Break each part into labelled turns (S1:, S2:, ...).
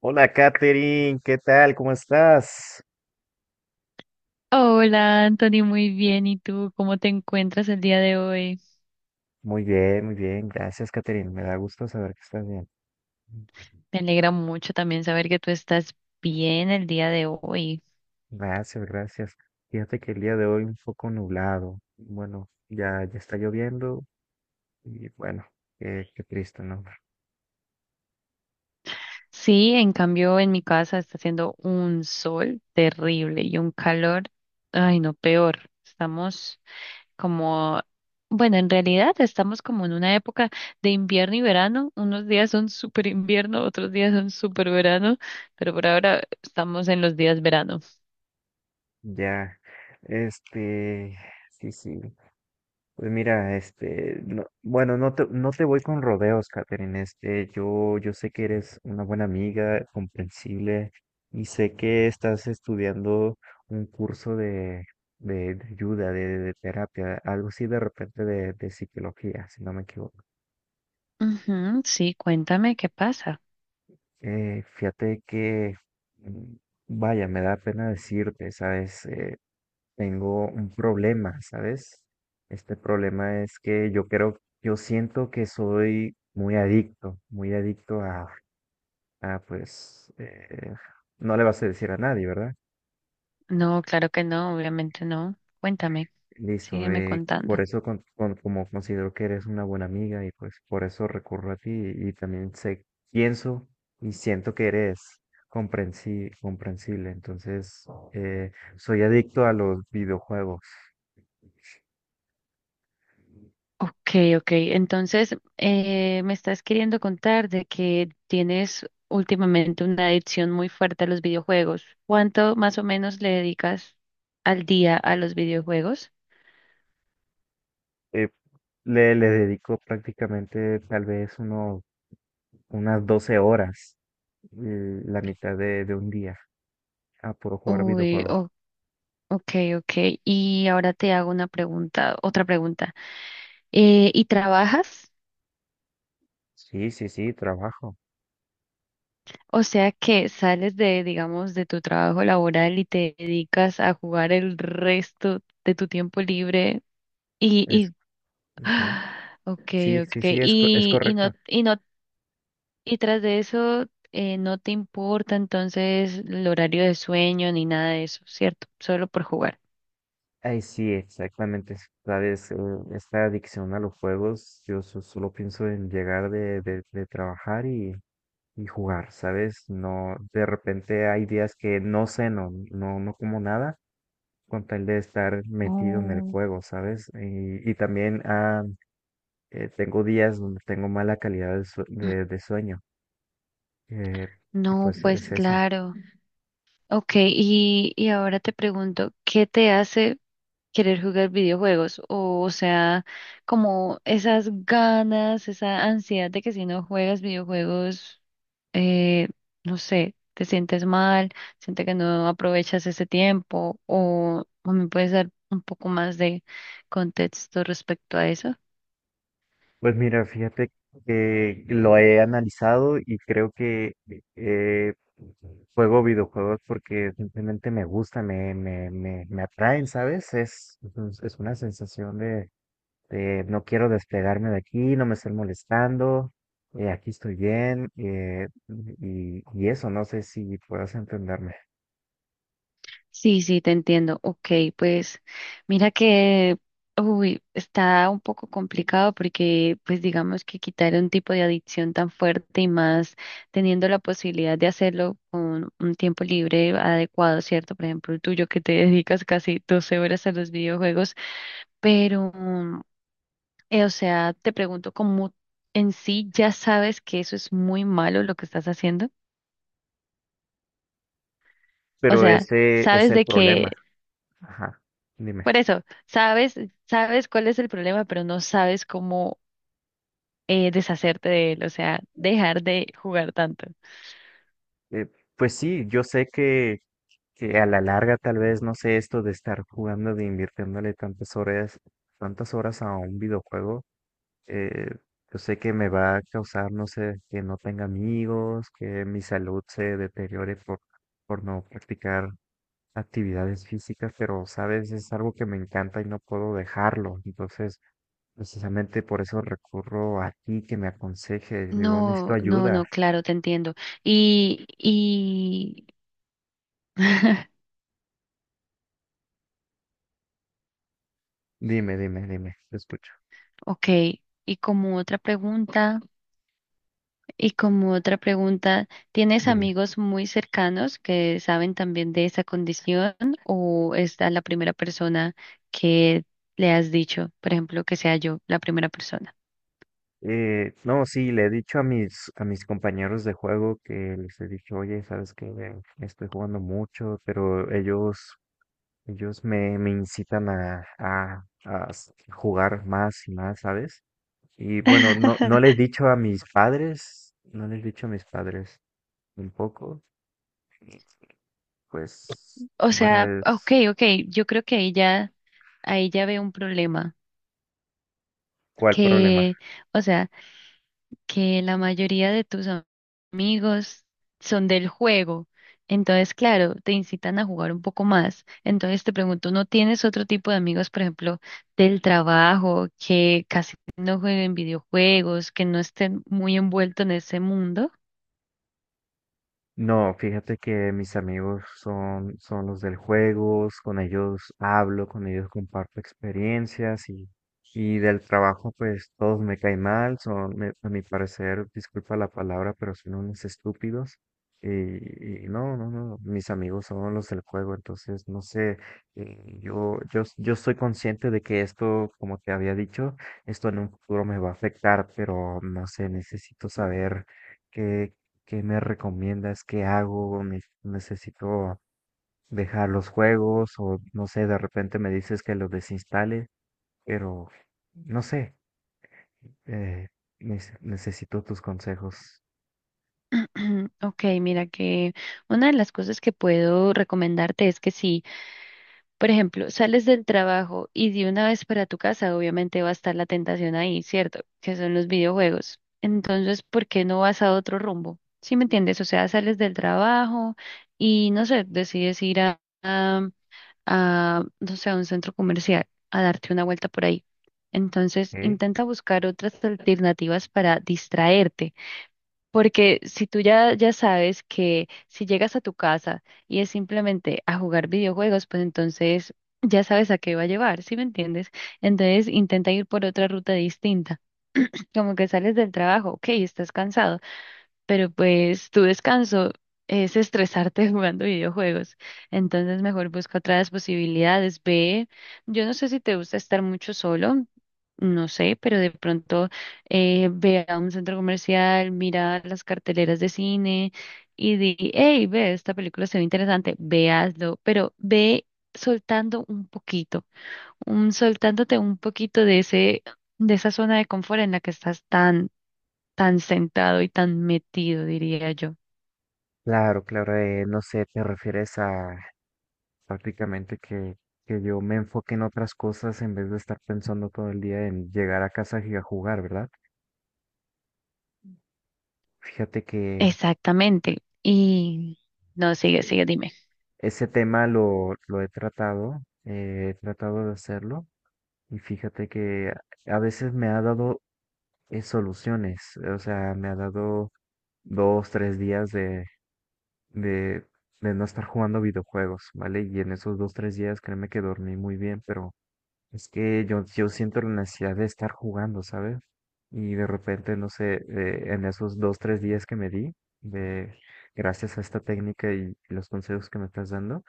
S1: Hola, Katherine, ¿qué tal? ¿Cómo estás?
S2: Hola, Anthony, muy bien. ¿Y tú cómo te encuentras el día de hoy?
S1: Muy bien, muy bien. Gracias, Katherine. Me da gusto saber que estás bien.
S2: Me alegra mucho también saber que tú estás bien el día de hoy.
S1: Gracias, gracias. Fíjate que el día de hoy un poco nublado. Bueno, ya está lloviendo y bueno, qué triste, ¿no?
S2: Sí, en cambio en mi casa está haciendo un sol terrible y un calor, ay no, peor. Estamos como, bueno, en realidad estamos como en una época de invierno y verano. Unos días son súper invierno, otros días son súper verano, pero por ahora estamos en los días verano.
S1: Ya, este, sí, sí. Pues mira, bueno, no te voy con rodeos, Catherine. Yo sé que eres una buena amiga, comprensible, y sé que estás estudiando un curso de ayuda, de terapia, algo así de repente de psicología, si no me equivoco.
S2: Ujú, sí, cuéntame qué pasa.
S1: Fíjate que, mm, vaya, me da pena decirte, ¿sabes? Tengo un problema, ¿sabes? Este problema es que yo creo, yo siento que soy muy adicto pues, no le vas a decir a nadie, ¿verdad?
S2: No, claro que no, obviamente no. Cuéntame,
S1: Listo.
S2: sígueme contando.
S1: Por eso como considero que eres una buena amiga y pues por eso recurro a ti y, también sé, pienso y siento que eres comprensible, entonces soy adicto a los videojuegos.
S2: Ok, ok. Entonces, me estás queriendo contar de que tienes últimamente una adicción muy fuerte a los videojuegos. ¿Cuánto más o menos le dedicas al día a los videojuegos?
S1: eh, le dedico prácticamente unas 12 horas, la mitad de un día, a puro jugar
S2: Uy,
S1: videojuego.
S2: ok, ok. Y ahora te hago una pregunta, otra pregunta. ¿Y trabajas?
S1: Sí, sí, sí, trabajo.
S2: O sea que sales de, digamos, de tu trabajo laboral y te dedicas a jugar el resto de tu tiempo libre y,
S1: Es,
S2: y
S1: ujú.
S2: ah, okay,
S1: Sí, sí, sí,
S2: okay.
S1: es
S2: Y no,
S1: correcto.
S2: y no, y tras de eso, no te importa entonces el horario de sueño ni nada de eso, ¿cierto? Solo por jugar.
S1: Ay, sí, exactamente. Sabes, esta adicción a los juegos, yo solo pienso en llegar de trabajar y jugar, ¿sabes? No, de repente hay días que no ceno, no, no como nada con tal de estar metido en el
S2: Oh,
S1: juego, ¿sabes? Y también tengo días donde tengo mala calidad de sueño. eh, y
S2: no,
S1: pues
S2: pues
S1: es eso.
S2: claro. Okay, y ahora te pregunto, ¿qué te hace querer jugar videojuegos, o sea, como esas ganas, esa ansiedad de que si no juegas videojuegos, eh, no sé, te sientes mal, sientes que no aprovechas ese tiempo, o me puedes dar un poco más de contexto respecto a eso.
S1: Pues mira, fíjate que lo he analizado y creo que eh, juego videojuegos porque simplemente me gusta, me atraen, ¿sabes? Es una sensación de no quiero despegarme de aquí, no me estén molestando, aquí estoy bien, y eso, no sé si puedas entenderme,
S2: Sí, sí, te entiendo. Ok, pues mira que, uy, está un poco complicado porque, pues digamos que quitar un tipo de adicción tan fuerte y más teniendo la posibilidad de hacerlo con un tiempo libre adecuado, ¿cierto? Por ejemplo, el tuyo que te dedicas casi 12 horas a los videojuegos, pero, o sea, te pregunto, ¿cómo en sí ya sabes que eso es muy malo lo que estás haciendo? O
S1: pero
S2: sea,
S1: ese es
S2: sabes
S1: el
S2: de que
S1: problema. Ajá, dime.
S2: Por eso, sabes, sabes cuál es el problema, pero no sabes cómo deshacerte de él, o sea, dejar de jugar tanto.
S1: Eh, pues sí, yo sé que a la larga tal vez, no sé, esto de estar jugando, de invirtiéndole tantas horas a un videojuego, eh, yo sé que me va a causar, no sé, que no tenga amigos, que mi salud se deteriore por no practicar actividades físicas, pero sabes, es algo que me encanta y no puedo dejarlo. Entonces, precisamente por eso recurro a ti que me aconsejes. Digo, necesito
S2: No, no,
S1: ayuda.
S2: no, claro, te entiendo. Y,
S1: Dime, dime, dime, te escucho.
S2: ok, y como otra pregunta, y como otra pregunta, ¿tienes
S1: Dime.
S2: amigos muy cercanos que saben también de esa condición o es a la primera persona que le has dicho, por ejemplo, que sea yo la primera persona?
S1: No, sí, le he dicho a a mis compañeros de juego que les he dicho, oye, sabes que estoy jugando mucho, pero ellos me incitan a jugar más y más, ¿sabes? Y bueno, no, no le he dicho a mis padres, no les he dicho a mis padres un poco, pues
S2: O
S1: bueno,
S2: sea,
S1: es
S2: ok, ok, yo creo que ahí ya veo un problema,
S1: cuál problema.
S2: que, o sea, que la mayoría de tus amigos son del juego, entonces, claro, te incitan a jugar un poco más, entonces te pregunto, ¿no tienes otro tipo de amigos, por ejemplo, del trabajo, que casi no jueguen videojuegos, que no estén muy envueltos en ese mundo?
S1: No, fíjate que mis amigos son los del juego, con ellos hablo, con ellos comparto experiencias y del trabajo pues todos me caen mal, a mi parecer, disculpa la palabra, pero son unos estúpidos y no, no, no, mis amigos son los del juego. Entonces no sé, yo estoy consciente de que esto, como te había dicho, esto en un futuro me va a afectar, pero no sé, necesito saber. ¿Qué me recomiendas? ¿Qué hago? Necesito dejar los juegos o no sé, de repente me dices que los desinstale, pero no sé, eh, necesito tus consejos.
S2: Ok, mira que una de las cosas que puedo recomendarte es que sí. Por ejemplo, sales del trabajo y de una vez para tu casa, obviamente va a estar la tentación ahí, ¿cierto? Que son los videojuegos. Entonces, ¿por qué no vas a otro rumbo? ¿Sí me entiendes? O sea, sales del trabajo y, no sé, decides ir a, no sé, a un centro comercial a darte una vuelta por ahí. Entonces,
S1: ¿Eh?
S2: intenta buscar otras alternativas para distraerte porque si tú ya, ya sabes que si llegas a tu casa y es simplemente a jugar videojuegos, pues entonces ya sabes a qué va a llevar, ¿sí me entiendes? Entonces intenta ir por otra ruta distinta. Como que sales del trabajo, ok, estás cansado pero pues tu descanso es estresarte jugando videojuegos. Entonces mejor busca otras posibilidades. Ve, yo no sé si te gusta estar mucho solo, no sé, pero de pronto ve a un centro comercial, mira las carteleras de cine y di, hey, ve, esta película se ve interesante, véaslo pero ve soltando un poquito, soltándote un poquito de ese, de esa zona de confort en la que estás tan tan centrado y tan metido, diría yo.
S1: Claro, claro, no sé, te refieres a prácticamente que yo me enfoque en otras cosas en vez de estar pensando todo el día en llegar a casa y a jugar, ¿verdad? Fíjate que
S2: Exactamente. Y no, sigue,
S1: eh,
S2: sigue, dime.
S1: ese tema lo he tratado de hacerlo. Y fíjate que a veces me ha dado soluciones, o sea, me ha dado 2, 3 días de, de no estar jugando videojuegos, ¿vale? Y en esos 2, 3 días créeme que dormí muy bien, pero es que yo siento la necesidad de estar jugando, ¿sabes? Y de repente, no sé, en esos 2, 3 días que me di, de, gracias a esta técnica y los consejos que me estás dando,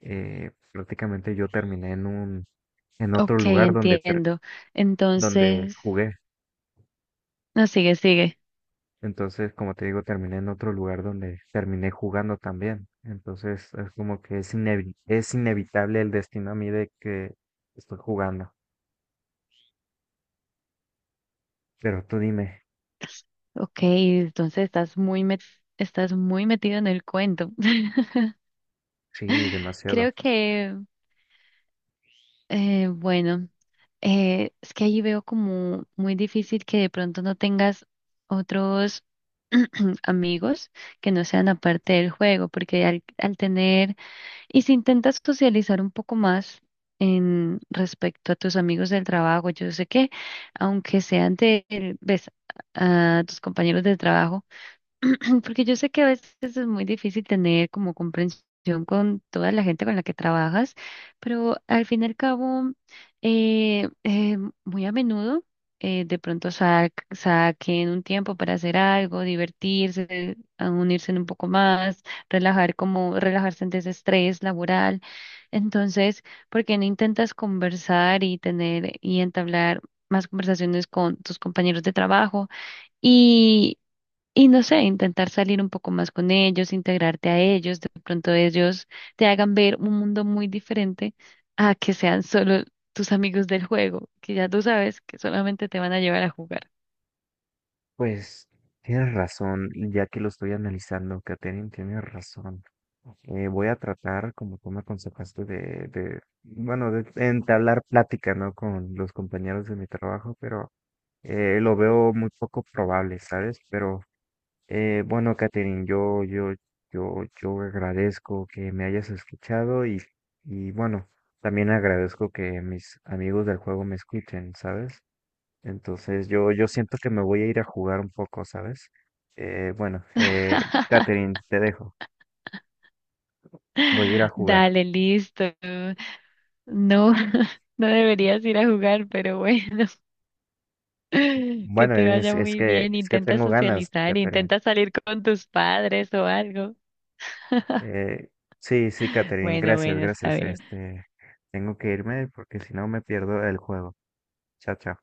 S1: prácticamente yo terminé en otro
S2: Ok,
S1: lugar
S2: entiendo.
S1: donde
S2: Entonces,
S1: jugué.
S2: no, sigue, sigue.
S1: Entonces, como te digo, terminé en otro lugar donde terminé jugando también. Entonces, es como que es inevitable el destino a mí de que estoy jugando. Pero tú dime.
S2: Ok, entonces estás muy estás muy metido en el cuento.
S1: Sí, demasiado.
S2: Creo que, bueno, es que ahí veo como muy difícil que de pronto no tengas otros amigos que no sean aparte del juego, porque al, al tener. Y si intentas socializar un poco más en respecto a tus amigos del trabajo, yo sé que aunque sean de, ves, a tus compañeros del trabajo, porque yo sé que a veces es muy difícil tener como comprensión con toda la gente con la que trabajas, pero al fin y al cabo, eh, eh, muy a menudo de pronto saquen un tiempo para hacer algo, divertirse, a unirse un poco más, relajar como relajarse ante ese estrés laboral. Entonces, ¿por qué no intentas conversar y tener y entablar más conversaciones con tus compañeros de trabajo? Y no sé, intentar salir un poco más con ellos, integrarte a ellos, de pronto ellos te hagan ver un mundo muy diferente a que sean solo tus amigos del juego, que ya tú sabes que solamente te van a llevar a jugar.
S1: Pues tienes razón, y ya que lo estoy analizando, Katherine, tienes razón. Voy a tratar, como tú me aconsejaste, bueno, de entablar plática, ¿no? Con los compañeros de mi trabajo, pero lo veo muy poco probable, ¿sabes? Pero bueno, Catherine, yo agradezco que me hayas escuchado y bueno, también agradezco que mis amigos del juego me escuchen, ¿sabes? Entonces yo siento que me voy a ir a jugar un poco, ¿sabes? Bueno, Catherine, te dejo. Voy a ir a jugar.
S2: Dale, listo. No, no deberías ir a jugar, pero bueno, que
S1: Bueno,
S2: te vaya muy bien.
S1: es que
S2: Intenta
S1: tengo ganas,
S2: socializar,
S1: Catherine.
S2: intenta salir con tus padres o algo.
S1: Eh, sí, sí, Catherine,
S2: Bueno,
S1: gracias,
S2: bueno, está
S1: gracias.
S2: bien.
S1: Tengo que irme porque si no me pierdo el juego. Chao, chao.